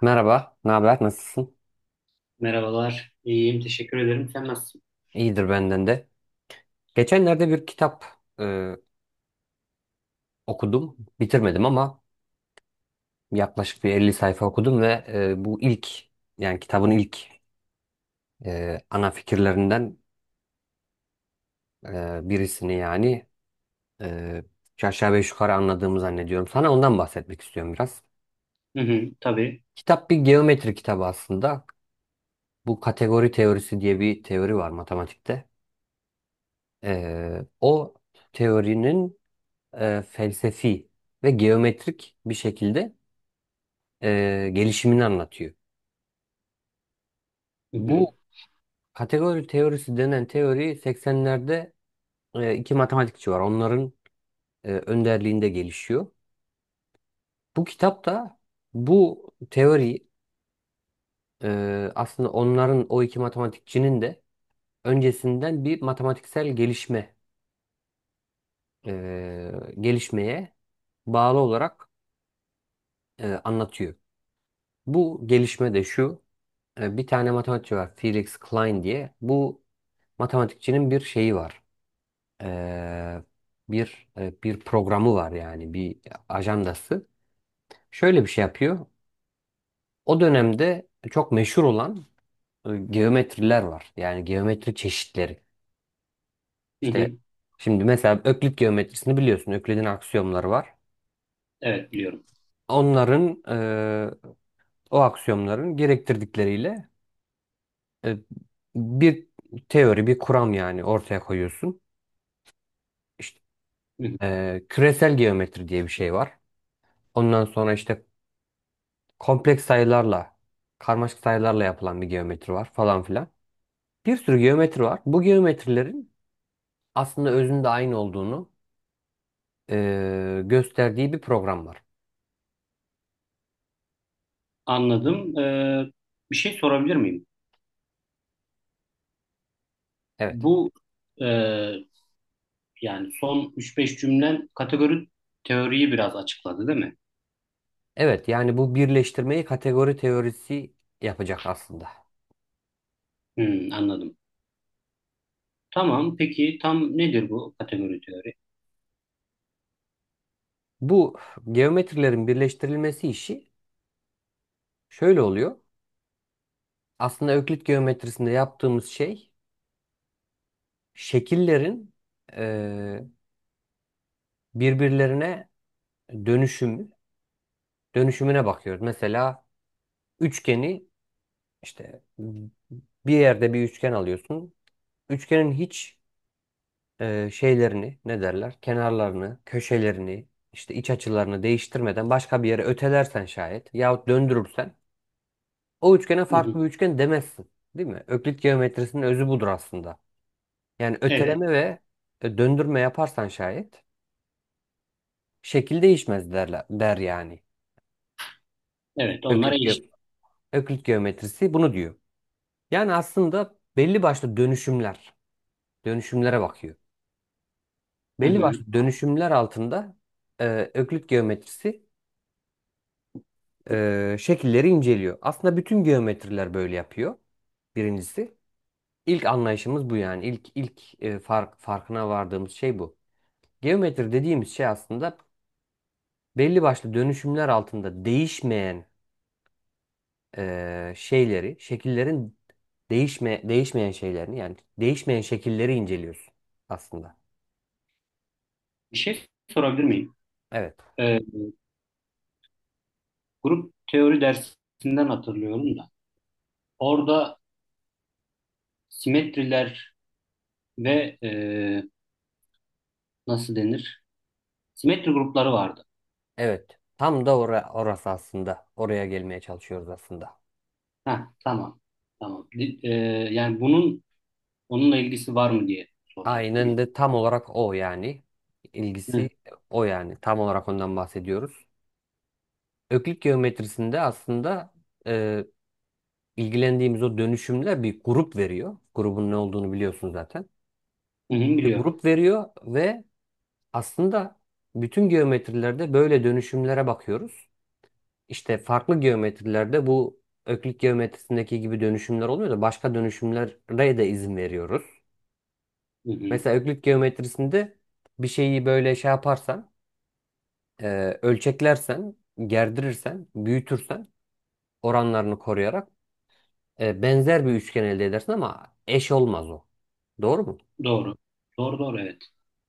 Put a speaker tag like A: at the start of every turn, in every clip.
A: Merhaba, ne haber? Nasılsın?
B: Merhabalar. İyiyim. Teşekkür ederim. Sen nasılsın?
A: İyidir benden de. Geçenlerde bir kitap e, okudum. Bitirmedim ama yaklaşık bir 50 sayfa okudum ve bu ilk yani kitabın ilk ana fikirlerinden birisini yani e, üç aşağı beş yukarı anladığımı zannediyorum. Sana ondan bahsetmek istiyorum biraz.
B: Hı hı. Tabii.
A: Kitap bir geometri kitabı aslında. Bu kategori teorisi diye bir teori var matematikte. O teorinin felsefi ve geometrik bir şekilde gelişimini anlatıyor.
B: Hı hı.
A: Bu kategori teorisi denen teori 80'lerde iki matematikçi var. Onların önderliğinde gelişiyor. Bu kitap da bu teori aslında onların o iki matematikçinin de öncesinden bir matematiksel e, gelişmeye bağlı olarak anlatıyor. Bu gelişme de şu. Bir tane matematikçi var Felix Klein diye. Bu matematikçinin bir şeyi var. Ee, bir programı var yani bir ajandası. Şöyle bir şey yapıyor. O dönemde çok meşhur olan geometriler var. Yani geometri çeşitleri.
B: Hı
A: İşte
B: hı.
A: şimdi mesela Öklit geometrisini biliyorsun. Öklid'in aksiyomları var.
B: Evet biliyorum.
A: Onların o aksiyomların gerektirdikleriyle e, bir teori, bir kuram yani ortaya koyuyorsun. İşte
B: Hı hı.
A: küresel geometri diye bir şey var. Ondan sonra işte kompleks sayılarla, karmaşık sayılarla yapılan bir geometri var falan filan. Bir sürü geometri var. Bu geometrilerin aslında özünde aynı olduğunu gösterdiği bir program var.
B: Anladım. Bir şey sorabilir miyim?
A: Evet.
B: Bu e, yani son üç beş cümlen kategori teoriyi biraz açıkladı değil mi?
A: Evet yani bu birleştirmeyi kategori teorisi yapacak aslında.
B: Hı, anladım. Tamam. Peki tam nedir bu kategori teori?
A: Bu geometrilerin birleştirilmesi işi şöyle oluyor. Aslında Öklit geometrisinde yaptığımız şey şekillerin eee, birbirlerine dönüşümü, dönüşümüne bakıyoruz. Mesela üçgeni İşte bir yerde bir üçgen alıyorsun. Üçgenin hiç şeylerini ne derler? Kenarlarını, köşelerini, işte iç açılarını değiştirmeden başka bir yere ötelersen şayet yahut döndürürsen o üçgene
B: Hı hı.
A: farklı bir üçgen demezsin. Değil mi? Öklit geometrisinin özü budur aslında. Yani
B: Evet.
A: öteleme ve döndürme yaparsan şayet şekil değişmez derler, der yani. E,
B: Evet. Onlar
A: Öklit,
B: eşit.
A: ge- Öklit geometrisi bunu diyor. Yani aslında belli başlı dönüşümlere bakıyor.
B: Hı
A: Belli
B: hı.
A: başlı dönüşümler altında Öklit geometrisi şekilleri inceliyor. Aslında bütün geometriler böyle yapıyor. Birincisi. İlk anlayışımız bu yani. İlk farkına vardığımız şey bu. Geometri dediğimiz şey aslında belli başlı dönüşümler altında değişmeyen şekillerin değişmeyen şeylerini yani değişmeyen şekilleri inceliyorsun aslında.
B: Bir şey sorabilir miyim?
A: Evet.
B: Ee, grup teori dersinden hatırlıyorum da. Orada simetriler ve nasıl denir? Simetri grupları vardı.
A: Evet. Tam da orası aslında. Oraya gelmeye çalışıyoruz aslında.
B: Ha tamam. Tamam. Yani bunun onunla ilgisi var mı diye soracaktım da.
A: Aynen de tam olarak o yani.
B: Hı,
A: İlgisi o yani. Tam olarak ondan bahsediyoruz. Öklit geometrisinde aslında e, ilgilendiğimiz o dönüşümler bir grup veriyor. Grubun ne olduğunu biliyorsun zaten.
B: hı, hı,
A: Bir
B: biliyorum.
A: grup veriyor ve aslında bütün geometrilerde böyle dönüşümlere bakıyoruz. İşte farklı geometrilerde bu Öklit geometrisindeki gibi dönüşümler olmuyor da başka dönüşümlere de izin veriyoruz.
B: Hı, hı.
A: Mesela Öklit geometrisinde bir şeyi böyle şey yaparsan ölçeklersen, gerdirirsen, büyütürsen oranlarını koruyarak benzer bir üçgen elde edersin ama eş olmaz o. Doğru mu?
B: Doğru. Doğru doğru evet.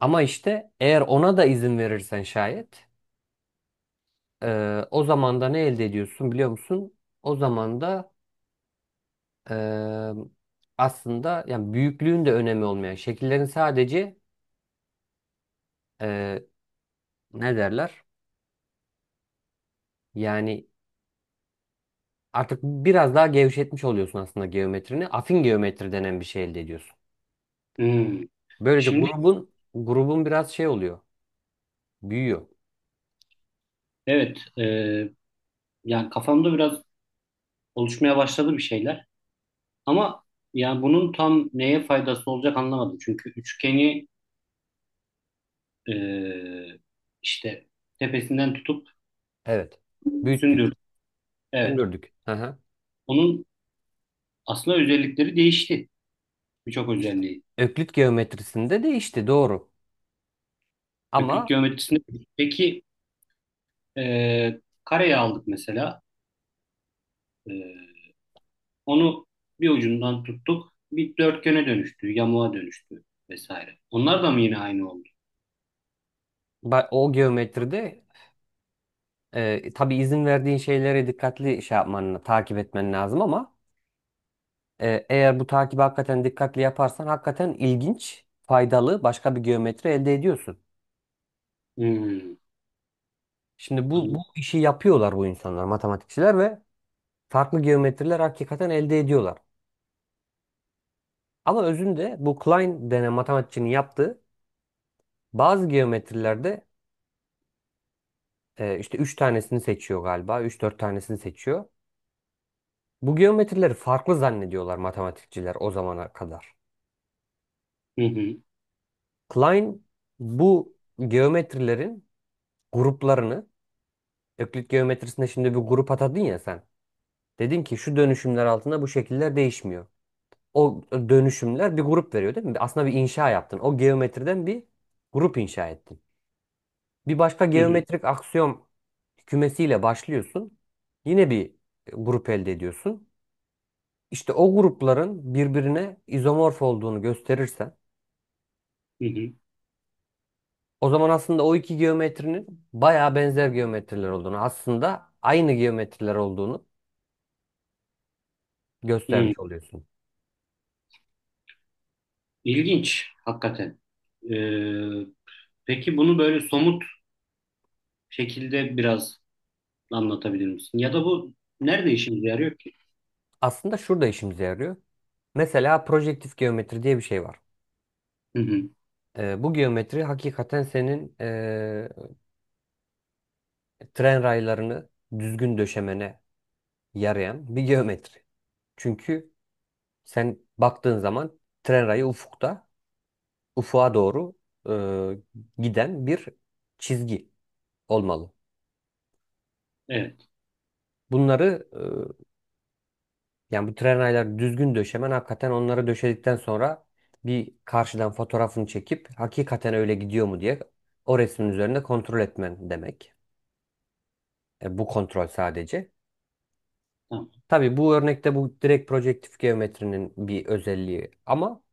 A: Ama işte eğer ona da izin verirsen şayet o zaman da ne elde ediyorsun biliyor musun? O zaman da e, aslında yani büyüklüğün de önemi olmayan şekillerin sadece e, ne derler? Yani artık biraz daha gevşetmiş oluyorsun aslında geometrini. Afin geometri denen bir şey elde ediyorsun.
B: Hı.
A: Böylece
B: Şimdi
A: grubun biraz şey oluyor. Büyüyor.
B: evet yani kafamda biraz oluşmaya başladı bir şeyler. Ama yani bunun tam neye faydası olacak anlamadım. Çünkü üçgeni e, işte tepesinden tutup
A: Evet. Büyüttük.
B: sündürdüm. Evet.
A: Sündürdük. Hı hı.
B: Onun aslında özellikleri değişti. Birçok
A: İşte.
B: özelliği.
A: Öklit geometrisinde de işte doğru.
B: Köklük
A: Ama
B: geometrisinde. Peki kareyi aldık mesela. E, onu bir ucundan tuttuk. Bir dörtgene dönüştü, yamuğa dönüştü vesaire. Onlar da mı yine aynı oldu?
A: o geometride tabii izin verdiğin şeylere dikkatli şey yapman, takip etmen lazım ama eğer bu takibi hakikaten dikkatli yaparsan hakikaten ilginç, faydalı başka bir geometri elde ediyorsun.
B: Hmm,
A: Şimdi bu
B: anladım.
A: işi yapıyorlar bu insanlar, matematikçiler ve farklı geometriler hakikaten elde ediyorlar. Ama özünde bu Klein denen matematikçinin yaptığı bazı geometrilerde işte 3 tanesini seçiyor galiba. Üç dört tanesini seçiyor. Bu geometrileri farklı zannediyorlar matematikçiler o zamana kadar.
B: Hı hı,
A: Klein bu geometrilerin gruplarını Öklit geometrisinde şimdi bir grup atadın ya sen. Dedin ki şu dönüşümler altında bu şekiller değişmiyor. O dönüşümler bir grup veriyor değil mi? Aslında bir inşa yaptın. O geometriden bir grup inşa ettin. Bir başka
B: hı hı,
A: geometrik aksiyom kümesiyle başlıyorsun. Yine bir grup elde ediyorsun. İşte o grupların birbirine izomorf olduğunu gösterirsen
B: hı hı,
A: o zaman aslında o iki geometrinin bayağı benzer geometriler olduğunu, aslında aynı geometriler olduğunu
B: hı.
A: göstermiş oluyorsun.
B: İlginç hakikaten. E, peki bunu böyle somut şekilde biraz anlatabilir misin? Ya da bu nerede işimize yarıyor ki?
A: Aslında şurada işimize yarıyor. Mesela projektif geometri diye bir şey var.
B: Hı hı,
A: Bu geometri hakikaten senin tren raylarını düzgün döşemene yarayan bir geometri. Çünkü sen baktığın zaman tren rayı ufuğa doğru giden bir çizgi olmalı.
B: evet,
A: Bunları yani bu tren rayları düzgün döşemen hakikaten onları döşedikten sonra bir karşıdan fotoğrafını çekip hakikaten öyle gidiyor mu diye o resmin üzerinde kontrol etmen demek. Bu kontrol sadece.
B: tamam.
A: Tabii bu örnekte bu direkt projektif geometrinin bir özelliği ama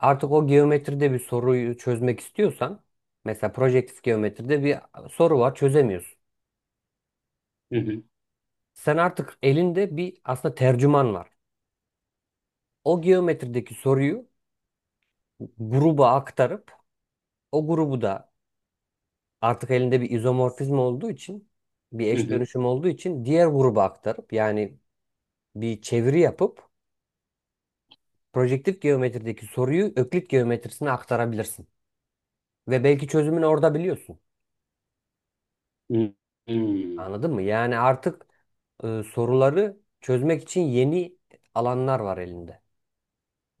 A: artık o geometride bir soruyu çözmek istiyorsan, mesela projektif geometride bir soru var çözemiyorsun.
B: Hı hı,
A: Sen artık elinde bir aslında tercüman var. O geometrideki soruyu gruba aktarıp o grubu da artık elinde bir izomorfizm olduğu için bir
B: hı
A: eş
B: hı,
A: dönüşüm olduğu için diğer gruba aktarıp yani bir çeviri yapıp projektif geometrideki soruyu öklit geometrisine aktarabilirsin. Ve belki çözümünü orada biliyorsun.
B: hı hı.
A: Anladın mı? Yani artık soruları çözmek için yeni alanlar var elinde.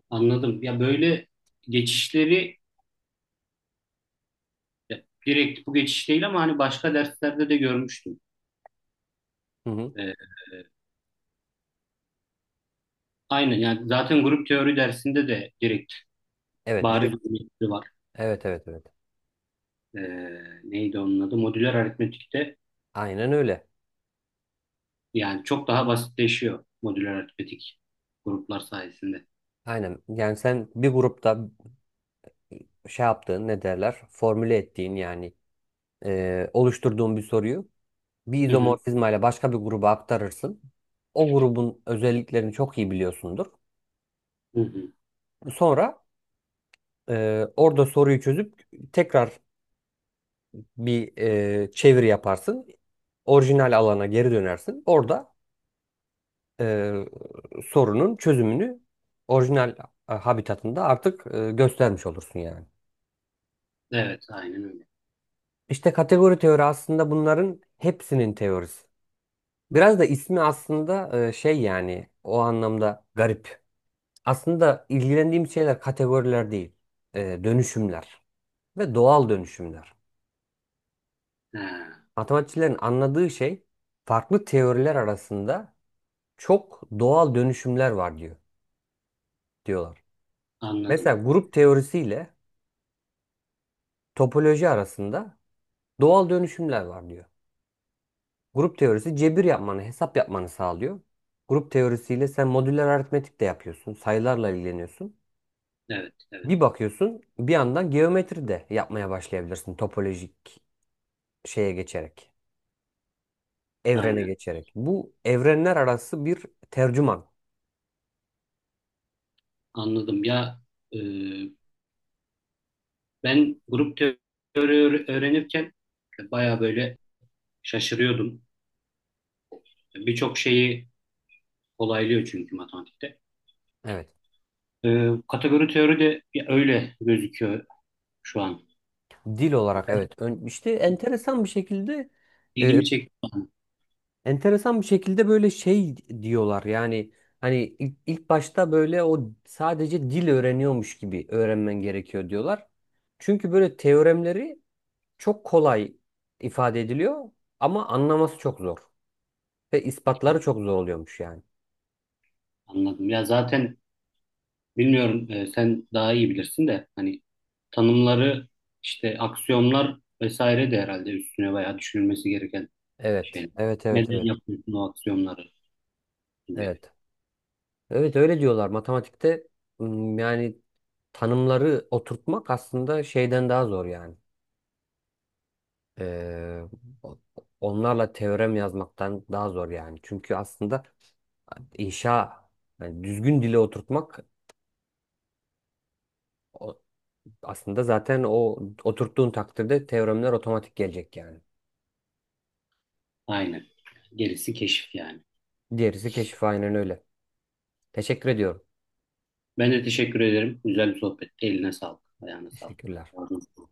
B: Anladım. Ya böyle geçişleri ya direkt bu geçiş değil ama hani başka derslerde de görmüştüm.
A: Hı hı.
B: Ee, aynen yani zaten grup teori dersinde de direkt
A: Evet,
B: bariz bir
A: direkt.
B: geçişi var.
A: Evet, evet, evet.
B: Ee, neydi onun adı? Modüler aritmetikte
A: Aynen öyle.
B: yani çok daha basitleşiyor modüler aritmetik gruplar sayesinde.
A: Aynen. Yani sen bir grupta şey yaptığın, ne derler? Formüle ettiğin yani oluşturduğun bir soruyu bir
B: Hı hı,
A: izomorfizma ile başka bir gruba aktarırsın. O grubun özelliklerini çok iyi biliyorsundur.
B: hı hı.
A: Sonra orada soruyu çözüp tekrar bir çeviri yaparsın. Orijinal alana geri dönersin. Orada e, sorunun çözümünü orijinal habitatında artık göstermiş olursun yani.
B: Evet aynen öyle.
A: İşte kategori teori aslında bunların hepsinin teorisi. Biraz da ismi aslında şey yani o anlamda garip. Aslında ilgilendiğim şeyler kategoriler değil, dönüşümler ve doğal dönüşümler.
B: Ha,
A: Matematikçilerin anladığı şey farklı teoriler arasında çok doğal dönüşümler var diyorlar.
B: anladım.
A: Mesela grup teorisiyle topoloji arasında doğal dönüşümler var diyor. Grup teorisi cebir yapmanı, hesap yapmanı sağlıyor. Grup teorisiyle sen modüler aritmetik de yapıyorsun, sayılarla ilgileniyorsun.
B: Evet evet
A: Bir bakıyorsun, bir yandan geometri de yapmaya başlayabilirsin topolojik şeye geçerek, evrene
B: aynen
A: geçerek. Bu evrenler arası bir tercüman.
B: anladım. Ya e, ben grup teori öğrenirken baya böyle şaşırıyordum. Birçok şeyi kolaylıyor çünkü matematikte.
A: Evet.
B: Kategori teori de ya öyle gözüküyor şu an.
A: Dil olarak evet. İşte e,
B: İlgimi çekti,
A: Enteresan bir şekilde böyle şey diyorlar yani hani ilk başta böyle o sadece dil öğreniyormuş gibi öğrenmen gerekiyor diyorlar. Çünkü böyle teoremleri çok kolay ifade ediliyor ama anlaması çok zor ve ispatları çok zor oluyormuş yani.
B: anladım. Ya zaten bilmiyorum, sen daha iyi bilirsin de hani tanımları işte aksiyonlar vesaire de herhalde üstüne bayağı düşünülmesi gereken
A: Evet,
B: şeyler.
A: evet, evet,
B: Neden
A: evet,
B: yapıyorsun o aksiyonları gibi.
A: evet. Evet öyle diyorlar matematikte yani tanımları oturtmak aslında şeyden daha zor yani. Ee, onlarla teorem yazmaktan daha zor yani. Çünkü aslında inşa yani düzgün dile oturtmak o- aslında zaten o oturttuğun takdirde teoremler otomatik gelecek yani.
B: Aynen. Gerisi keşif yani.
A: Diğerisi keşif aynen öyle. Teşekkür ediyorum.
B: Ben de teşekkür ederim. Güzel bir sohbetti. Eline sağlık. Ayağına sağlık.
A: Teşekkürler.
B: Ağzına sağlık.